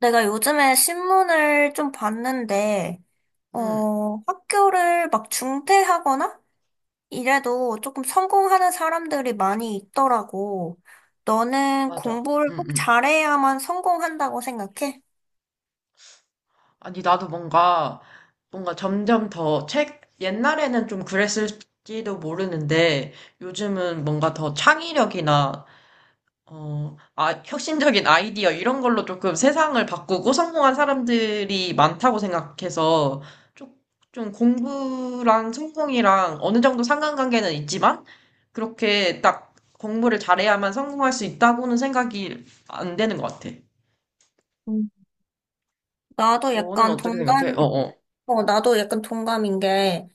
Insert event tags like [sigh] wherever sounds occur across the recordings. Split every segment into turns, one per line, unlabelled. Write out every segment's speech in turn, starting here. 내가 요즘에 신문을 좀 봤는데,
응,
학교를 막 중퇴하거나 이래도 조금 성공하는 사람들이 많이 있더라고. 너는
맞아.
공부를
응,
꼭
응.
잘해야만 성공한다고 생각해?
아니, 나도 뭔가 점점 더 옛날에는 좀 그랬을지도 모르는데, 요즘은 뭔가 더 창의력이나, 혁신적인 아이디어, 이런 걸로 조금 세상을 바꾸고 성공한 사람들이 많다고 생각해서, 좀, 좀 공부랑 성공이랑 어느 정도 상관관계는 있지만, 그렇게 딱 공부를 잘해야만 성공할 수 있다고는 생각이 안 되는 것 같아.
음. 나도
너는
약간
어떻게 생각해?
동감,
어어.
나도 약간 동감인 게,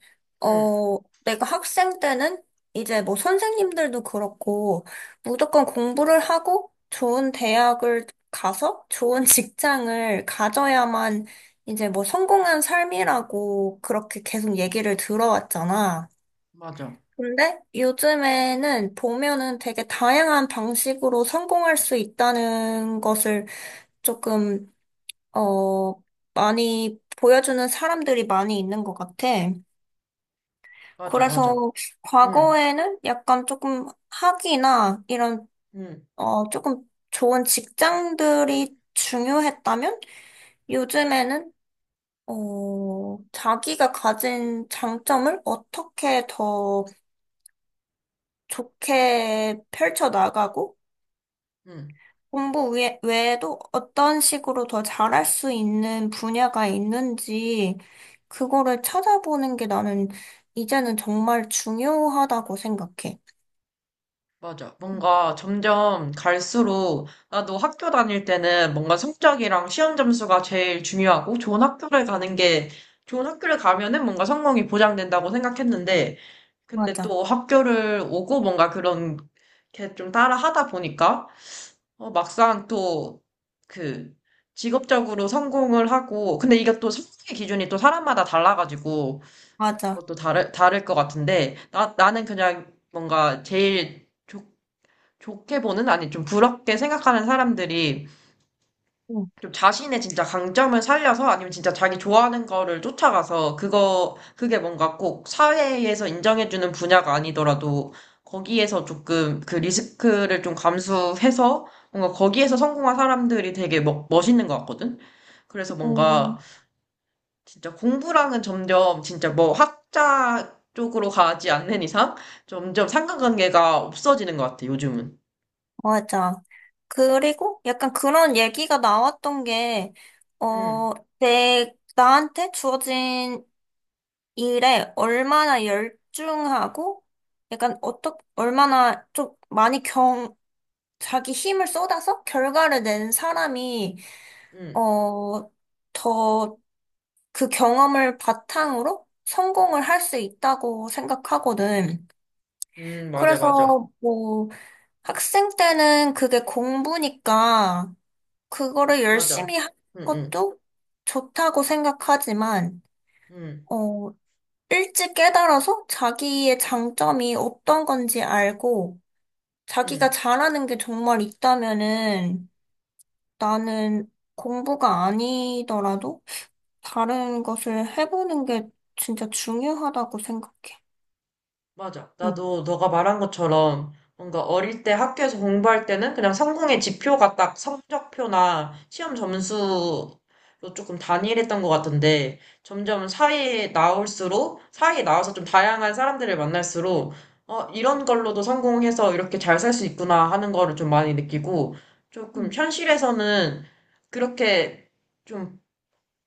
응,
어, 내가 학생 때는 이제 뭐 선생님들도 그렇고, 무조건 공부를 하고 좋은 대학을 가서 좋은 [laughs] 직장을 가져야만 이제 뭐 성공한 삶이라고 그렇게 계속 얘기를 들어왔잖아.
맞아.
근데 요즘에는 보면은 되게 다양한 방식으로 성공할 수 있다는 것을 조금 어, 많이 보여주는 사람들이 많이 있는 것 같아.
맞아,
그래서
맞아. 응,
과거에는 약간 조금 학위나 이런,
응,
조금 좋은 직장들이 중요했다면 요즘에는, 자기가 가진 장점을 어떻게 더 좋게 펼쳐나가고
응,
외에도 어떤 식으로 더 잘할 수 있는 분야가 있는지, 그거를 찾아보는 게 나는 이제는 정말 중요하다고 생각해.
맞아. 뭔가 점점 갈수록 나도 학교 다닐 때는 뭔가 성적이랑 시험 점수가 제일 중요하고 좋은 학교를 가는 게 좋은 학교를 가면은 뭔가 성공이 보장된다고 생각했는데 근데
맞아,
또 학교를 오고 뭔가 그런 게 좀 따라 하다 보니까 어, 막상 또 그 직업적으로 성공을 하고 근데 이게 또 성공의 기준이 또 사람마다 달라가지고
맞아.
그것도 다를 것 같은데, 나는 그냥 뭔가 제일 좋게 보는, 아니 좀 부럽게 생각하는 사람들이
응,
좀 자신의 진짜 강점을 살려서 아니면 진짜 자기 좋아하는 거를 쫓아가서 그게 뭔가 꼭 사회에서 인정해주는 분야가 아니더라도 거기에서 조금 그 리스크를 좀 감수해서 뭔가 거기에서 성공한 사람들이 되게 멋있는 것 같거든? 그래서 뭔가
음,
진짜 공부랑은 점점 진짜 뭐 학자 쪽으로 가지 않는 이상 점점 상관관계가 없어지는 것 같아, 요즘은.
맞아. 그리고 약간 그런 얘기가 나왔던 게,
응,
어, 나한테 주어진 일에 얼마나 열중하고, 약간 어떻 얼마나 좀 많이 자기 힘을 쏟아서 결과를 낸 사람이,
응,
어, 더 그 경험을 바탕으로 성공을 할 수 있다고 생각하거든.
응, 맞아, 맞아,
그래서 뭐 학생 때는 그게 공부니까 그거를
맞아.
열심히 하는
응, 응,
것도 좋다고 생각하지만,
응,
어, 일찍 깨달아서 자기의 장점이 어떤 건지 알고 자기가
응.
잘하는 게 정말 있다면은 나는 공부가 아니더라도 다른 것을 해보는 게 진짜 중요하다고 생각해.
맞아.
응.
나도 너가 말한 것처럼 뭔가 어릴 때 학교에서 공부할 때는 그냥 성공의 지표가 딱 성적표나 시험 점수로 조금 단일했던 것 같은데 점점 사회에 나올수록 사회에 나와서 좀 다양한 사람들을 만날수록 어, 이런 걸로도 성공해서 이렇게 잘 살 수 있구나 하는 거를 좀 많이 느끼고 조금 현실에서는 그렇게 좀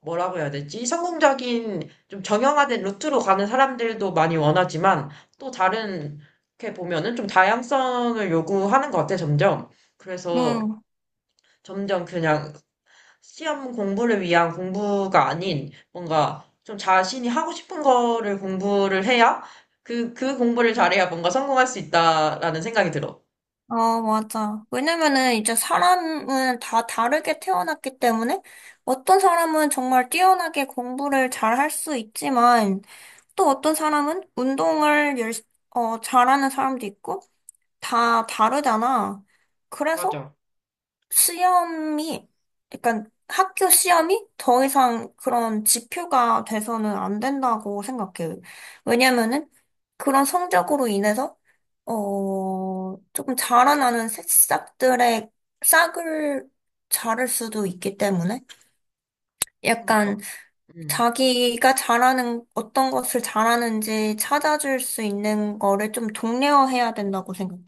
뭐라고 해야 되지? 성공적인 좀 정형화된 루트로 가는 사람들도 많이 원하지만 또 다른 이렇게 보면은 좀 다양성을 요구하는 것 같아 점점. 그래서
응.
점점 그냥 시험 공부를 위한 공부가 아닌 뭔가 좀 자신이 하고 싶은 거를 공부를 해야 그 공부를 잘해야 뭔가 성공할 수 있다라는 생각이 들어.
어, 맞아. 왜냐면은 이제 사람은 다 다르게 태어났기 때문에 어떤 사람은 정말 뛰어나게 공부를 잘할 수 있지만 또 어떤 사람은 어, 잘하는 사람도 있고 다 다르잖아. 그래서
맞아.
시험이, 약간 학교 시험이 더 이상 그런 지표가 돼서는 안 된다고 생각해요. 왜냐면은 그런 성적으로 인해서, 조금 자라나는 새싹들의 싹을 자를 수도 있기 때문에 약간
그러니까. 음.
어떤 것을 잘하는지 찾아줄 수 있는 거를 좀 독려해야 된다고 생각해.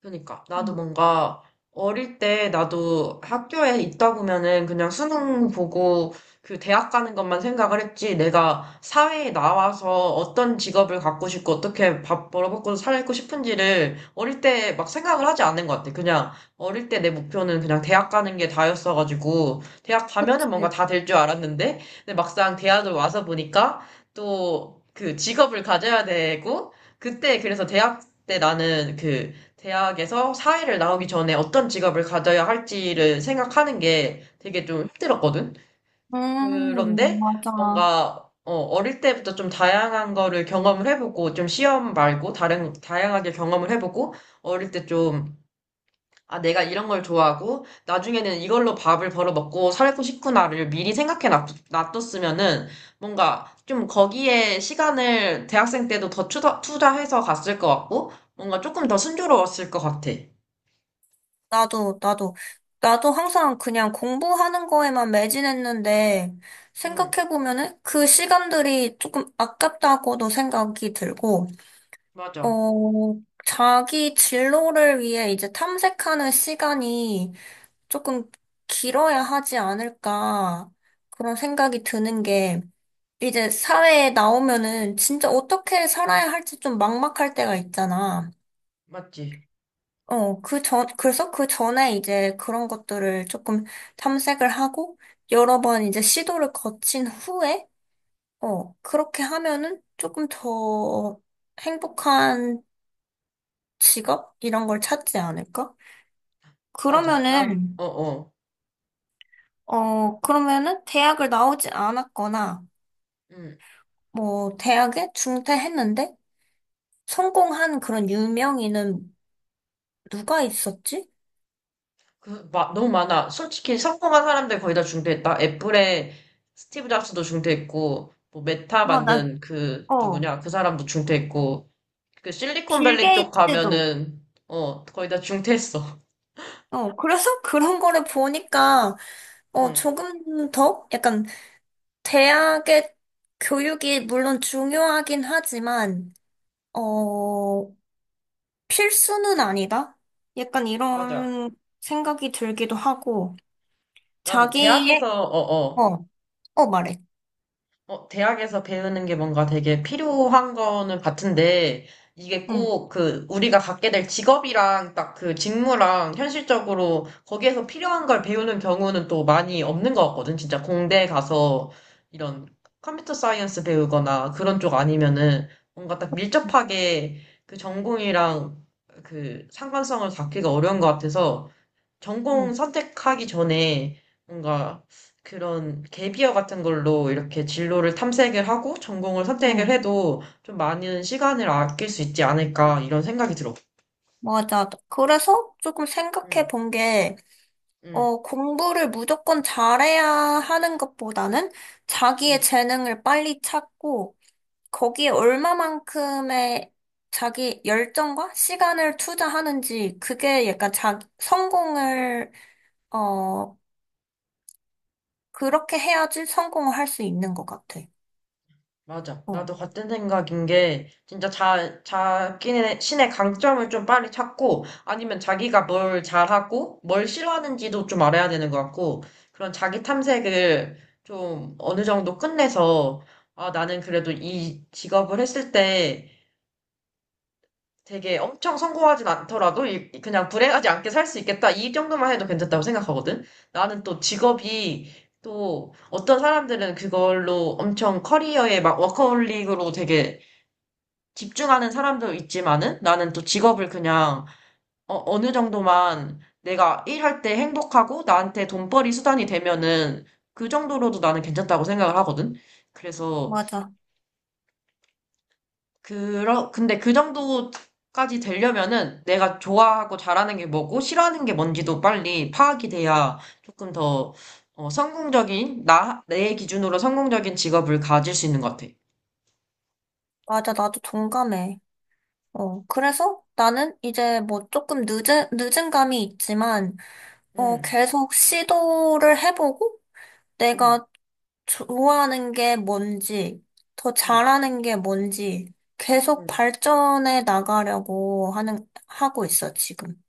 그러니까 나도
음,
뭔가 어릴 때 나도 학교에 있다 보면은 그냥 수능 보고 그 대학 가는 것만 생각을 했지 내가 사회에 나와서 어떤 직업을 갖고 싶고 어떻게 밥 벌어먹고 살고 싶은지를 어릴 때 막 생각을 하지 않는 것 같아. 그냥 어릴 때 내 목표는 그냥 대학 가는 게 다였어가지고 대학 가면은 뭔가
그치.
다 될 줄 알았는데 근데 막상 대학을 와서 보니까 또 그 직업을 가져야 되고 그때 그래서 대학 때 나는 그 대학에서 사회를 나오기 전에 어떤 직업을 가져야 할지를 생각하는 게 되게 좀 힘들었거든. 그런데
맞아.
뭔가 어, 어릴 때부터 좀 다양한 거를 경험을 해보고 좀 시험 말고 다른 다양하게 경험을 해보고 어릴 때 좀 아, 내가 이런 걸 좋아하고 나중에는 이걸로 밥을 벌어 먹고 살고 싶구나를 미리 생각해 놔뒀으면은 뭔가 좀 거기에 시간을 대학생 때도 더 투자해서 갔을 것 같고 뭔가 조금 더 순조로웠을 것 같아.
나도, 나도, 나도 항상 그냥 공부하는 거에만 매진했는데,
음.
생각해보면은 그 시간들이 조금 아깝다고도 생각이 들고,
맞아.
자기 진로를 위해 이제 탐색하는 시간이 조금 길어야 하지 않을까, 그런 생각이 드는 게, 이제 사회에 나오면은 진짜 어떻게 살아야 할지 좀 막막할 때가 있잖아.
맞지.
그래서 그 전에 이제 그런 것들을 조금 탐색을 하고, 여러 번 이제 시도를 거친 후에, 그렇게 하면은 조금 더 행복한 직업? 이런 걸 찾지 않을까?
맞아.
그러면은,
어, 어.
그러면은 대학을 나오지 않았거나,
음,
뭐, 대학에 중퇴했는데, 성공한 그런 유명인은 누가 있었지?
너무 많아. 솔직히 성공한 사람들 거의 다 중퇴했다. 애플의 스티브 잡스도 중퇴했고, 뭐, 메타
아,
만든 그,
어,
누구냐, 그 사람도 중퇴했고, 그
빌
실리콘밸리 쪽
게이츠도.
가면은, 거의 다 중퇴했어.
어, 그래서 [laughs] 그런 거를 보니까,
음,
조금 더? 약간, 대학의 교육이 물론 중요하긴 하지만, 어, 필수는 아니다? 약간
[laughs] 맞아.
이런 생각이 들기도 하고,
나도
자기의,
대학에서, 어, 어.
어, 말해.
대학에서 배우는 게 뭔가 되게 필요한 거는 같은데, 이게
응,
꼭 그 우리가 갖게 될 직업이랑 딱 그 직무랑 현실적으로 거기에서 필요한 걸 배우는 경우는 또 많이 없는 것 같거든. 진짜 공대 가서 이런 컴퓨터 사이언스 배우거나 그런 쪽 아니면은 뭔가 딱 밀접하게 그 전공이랑 그 상관성을 잡기가 어려운 것 같아서 전공
응,
선택하기 전에 뭔가 그런 갭이어 같은 걸로 이렇게 진로를 탐색을 하고 전공을 선택을
응.
해도 좀 많은 시간을 아낄 수 있지 않을까 이런 생각이 들어.
맞아. 그래서 조금 생각해
응,
본 게,
응,
공부를 무조건 잘해야 하는 것보다는 자기의
응.
재능을 빨리 찾고, 거기에 얼마만큼의 자기 열정과 시간을 투자하는지, 그게 약간 성공을, 어, 그렇게 해야지 성공을 할 수 있는 것 같아.
맞아.
어,
나도 같은 생각인 게, 진짜 자기네, 신의 강점을 좀 빨리 찾고, 아니면 자기가 뭘 잘하고, 뭘 싫어하는지도 좀 알아야 되는 것 같고, 그런 자기 탐색을 좀 어느 정도 끝내서, 아, 나는 그래도 이 직업을 했을 때 되게 엄청 성공하진 않더라도, 그냥 불행하지 않게 살 수 있겠다. 이 정도만 해도 괜찮다고 생각하거든. 나는 또 직업이, 또 어떤 사람들은 그걸로 엄청 커리어에 막 워커홀릭으로 되게 집중하는 사람도 있지만은 나는 또 직업을 그냥 어, 어느 정도만 내가 일할 때 행복하고 나한테 돈벌이 수단이 되면은 그 정도로도 나는 괜찮다고 생각을 하거든. 그래서
맞아.
그러 근데 그 정도까지 되려면은 내가 좋아하고 잘하는 게 뭐고 싫어하는 게 뭔지도 빨리 파악이 돼야 조금 더 어, 성공적인 나 내 기준으로 성공적인 직업을 가질 수 있는 것 같아.
맞아. 나도 동감해. 그래서 나는 이제 뭐 조금 늦은 감이 있지만,
응,
계속 시도를 해보고,
응,
내가 좋아하는 게 뭔지, 더
응,
잘하는 게 뭔지, 계속
응.
발전해 나가려고 하고 있어, 지금.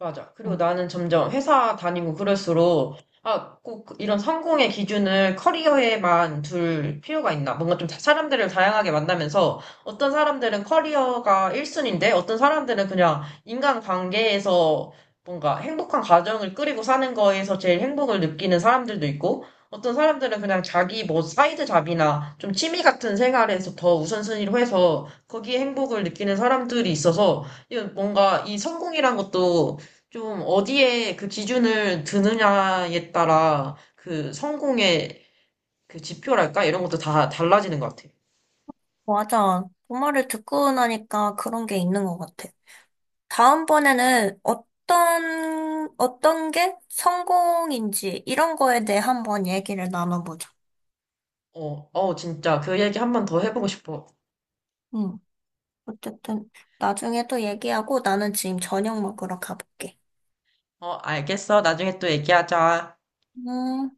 맞아. 그리고
어,
나는 점점 회사 다니고 그럴수록, 아, 꼭 이런 성공의 기준을 커리어에만 둘 필요가 있나. 뭔가 좀 사람들을 다양하게 만나면서 어떤 사람들은 커리어가 1순위인데 어떤 사람들은 그냥 인간관계에서 뭔가 행복한 가정을 꾸리고 사는 거에서 제일 행복을 느끼는 사람들도 있고 어떤 사람들은 그냥 자기 뭐 사이드 잡이나 좀 취미 같은 생활에서 더 우선순위로 해서 거기에 행복을 느끼는 사람들이 있어서 이건 뭔가 이 성공이란 것도 좀 어디에 그 기준을 드느냐에 따라 그 성공의 그 지표랄까? 이런 것도 다 달라지는 것 같아.
맞아. 엄마를 듣고 나니까 그런 게 있는 것 같아. 다음번에는 어떤 게 성공인지, 이런 거에 대해 한번 얘기를 나눠보자.
어, 어, 진짜 그 얘기 한 번 더 해보고 싶어.
응. 어쨌든, 나중에 또 얘기하고, 나는 지금 저녁 먹으러 가볼게.
어, 알겠어. 나중에 또 얘기하자.
음.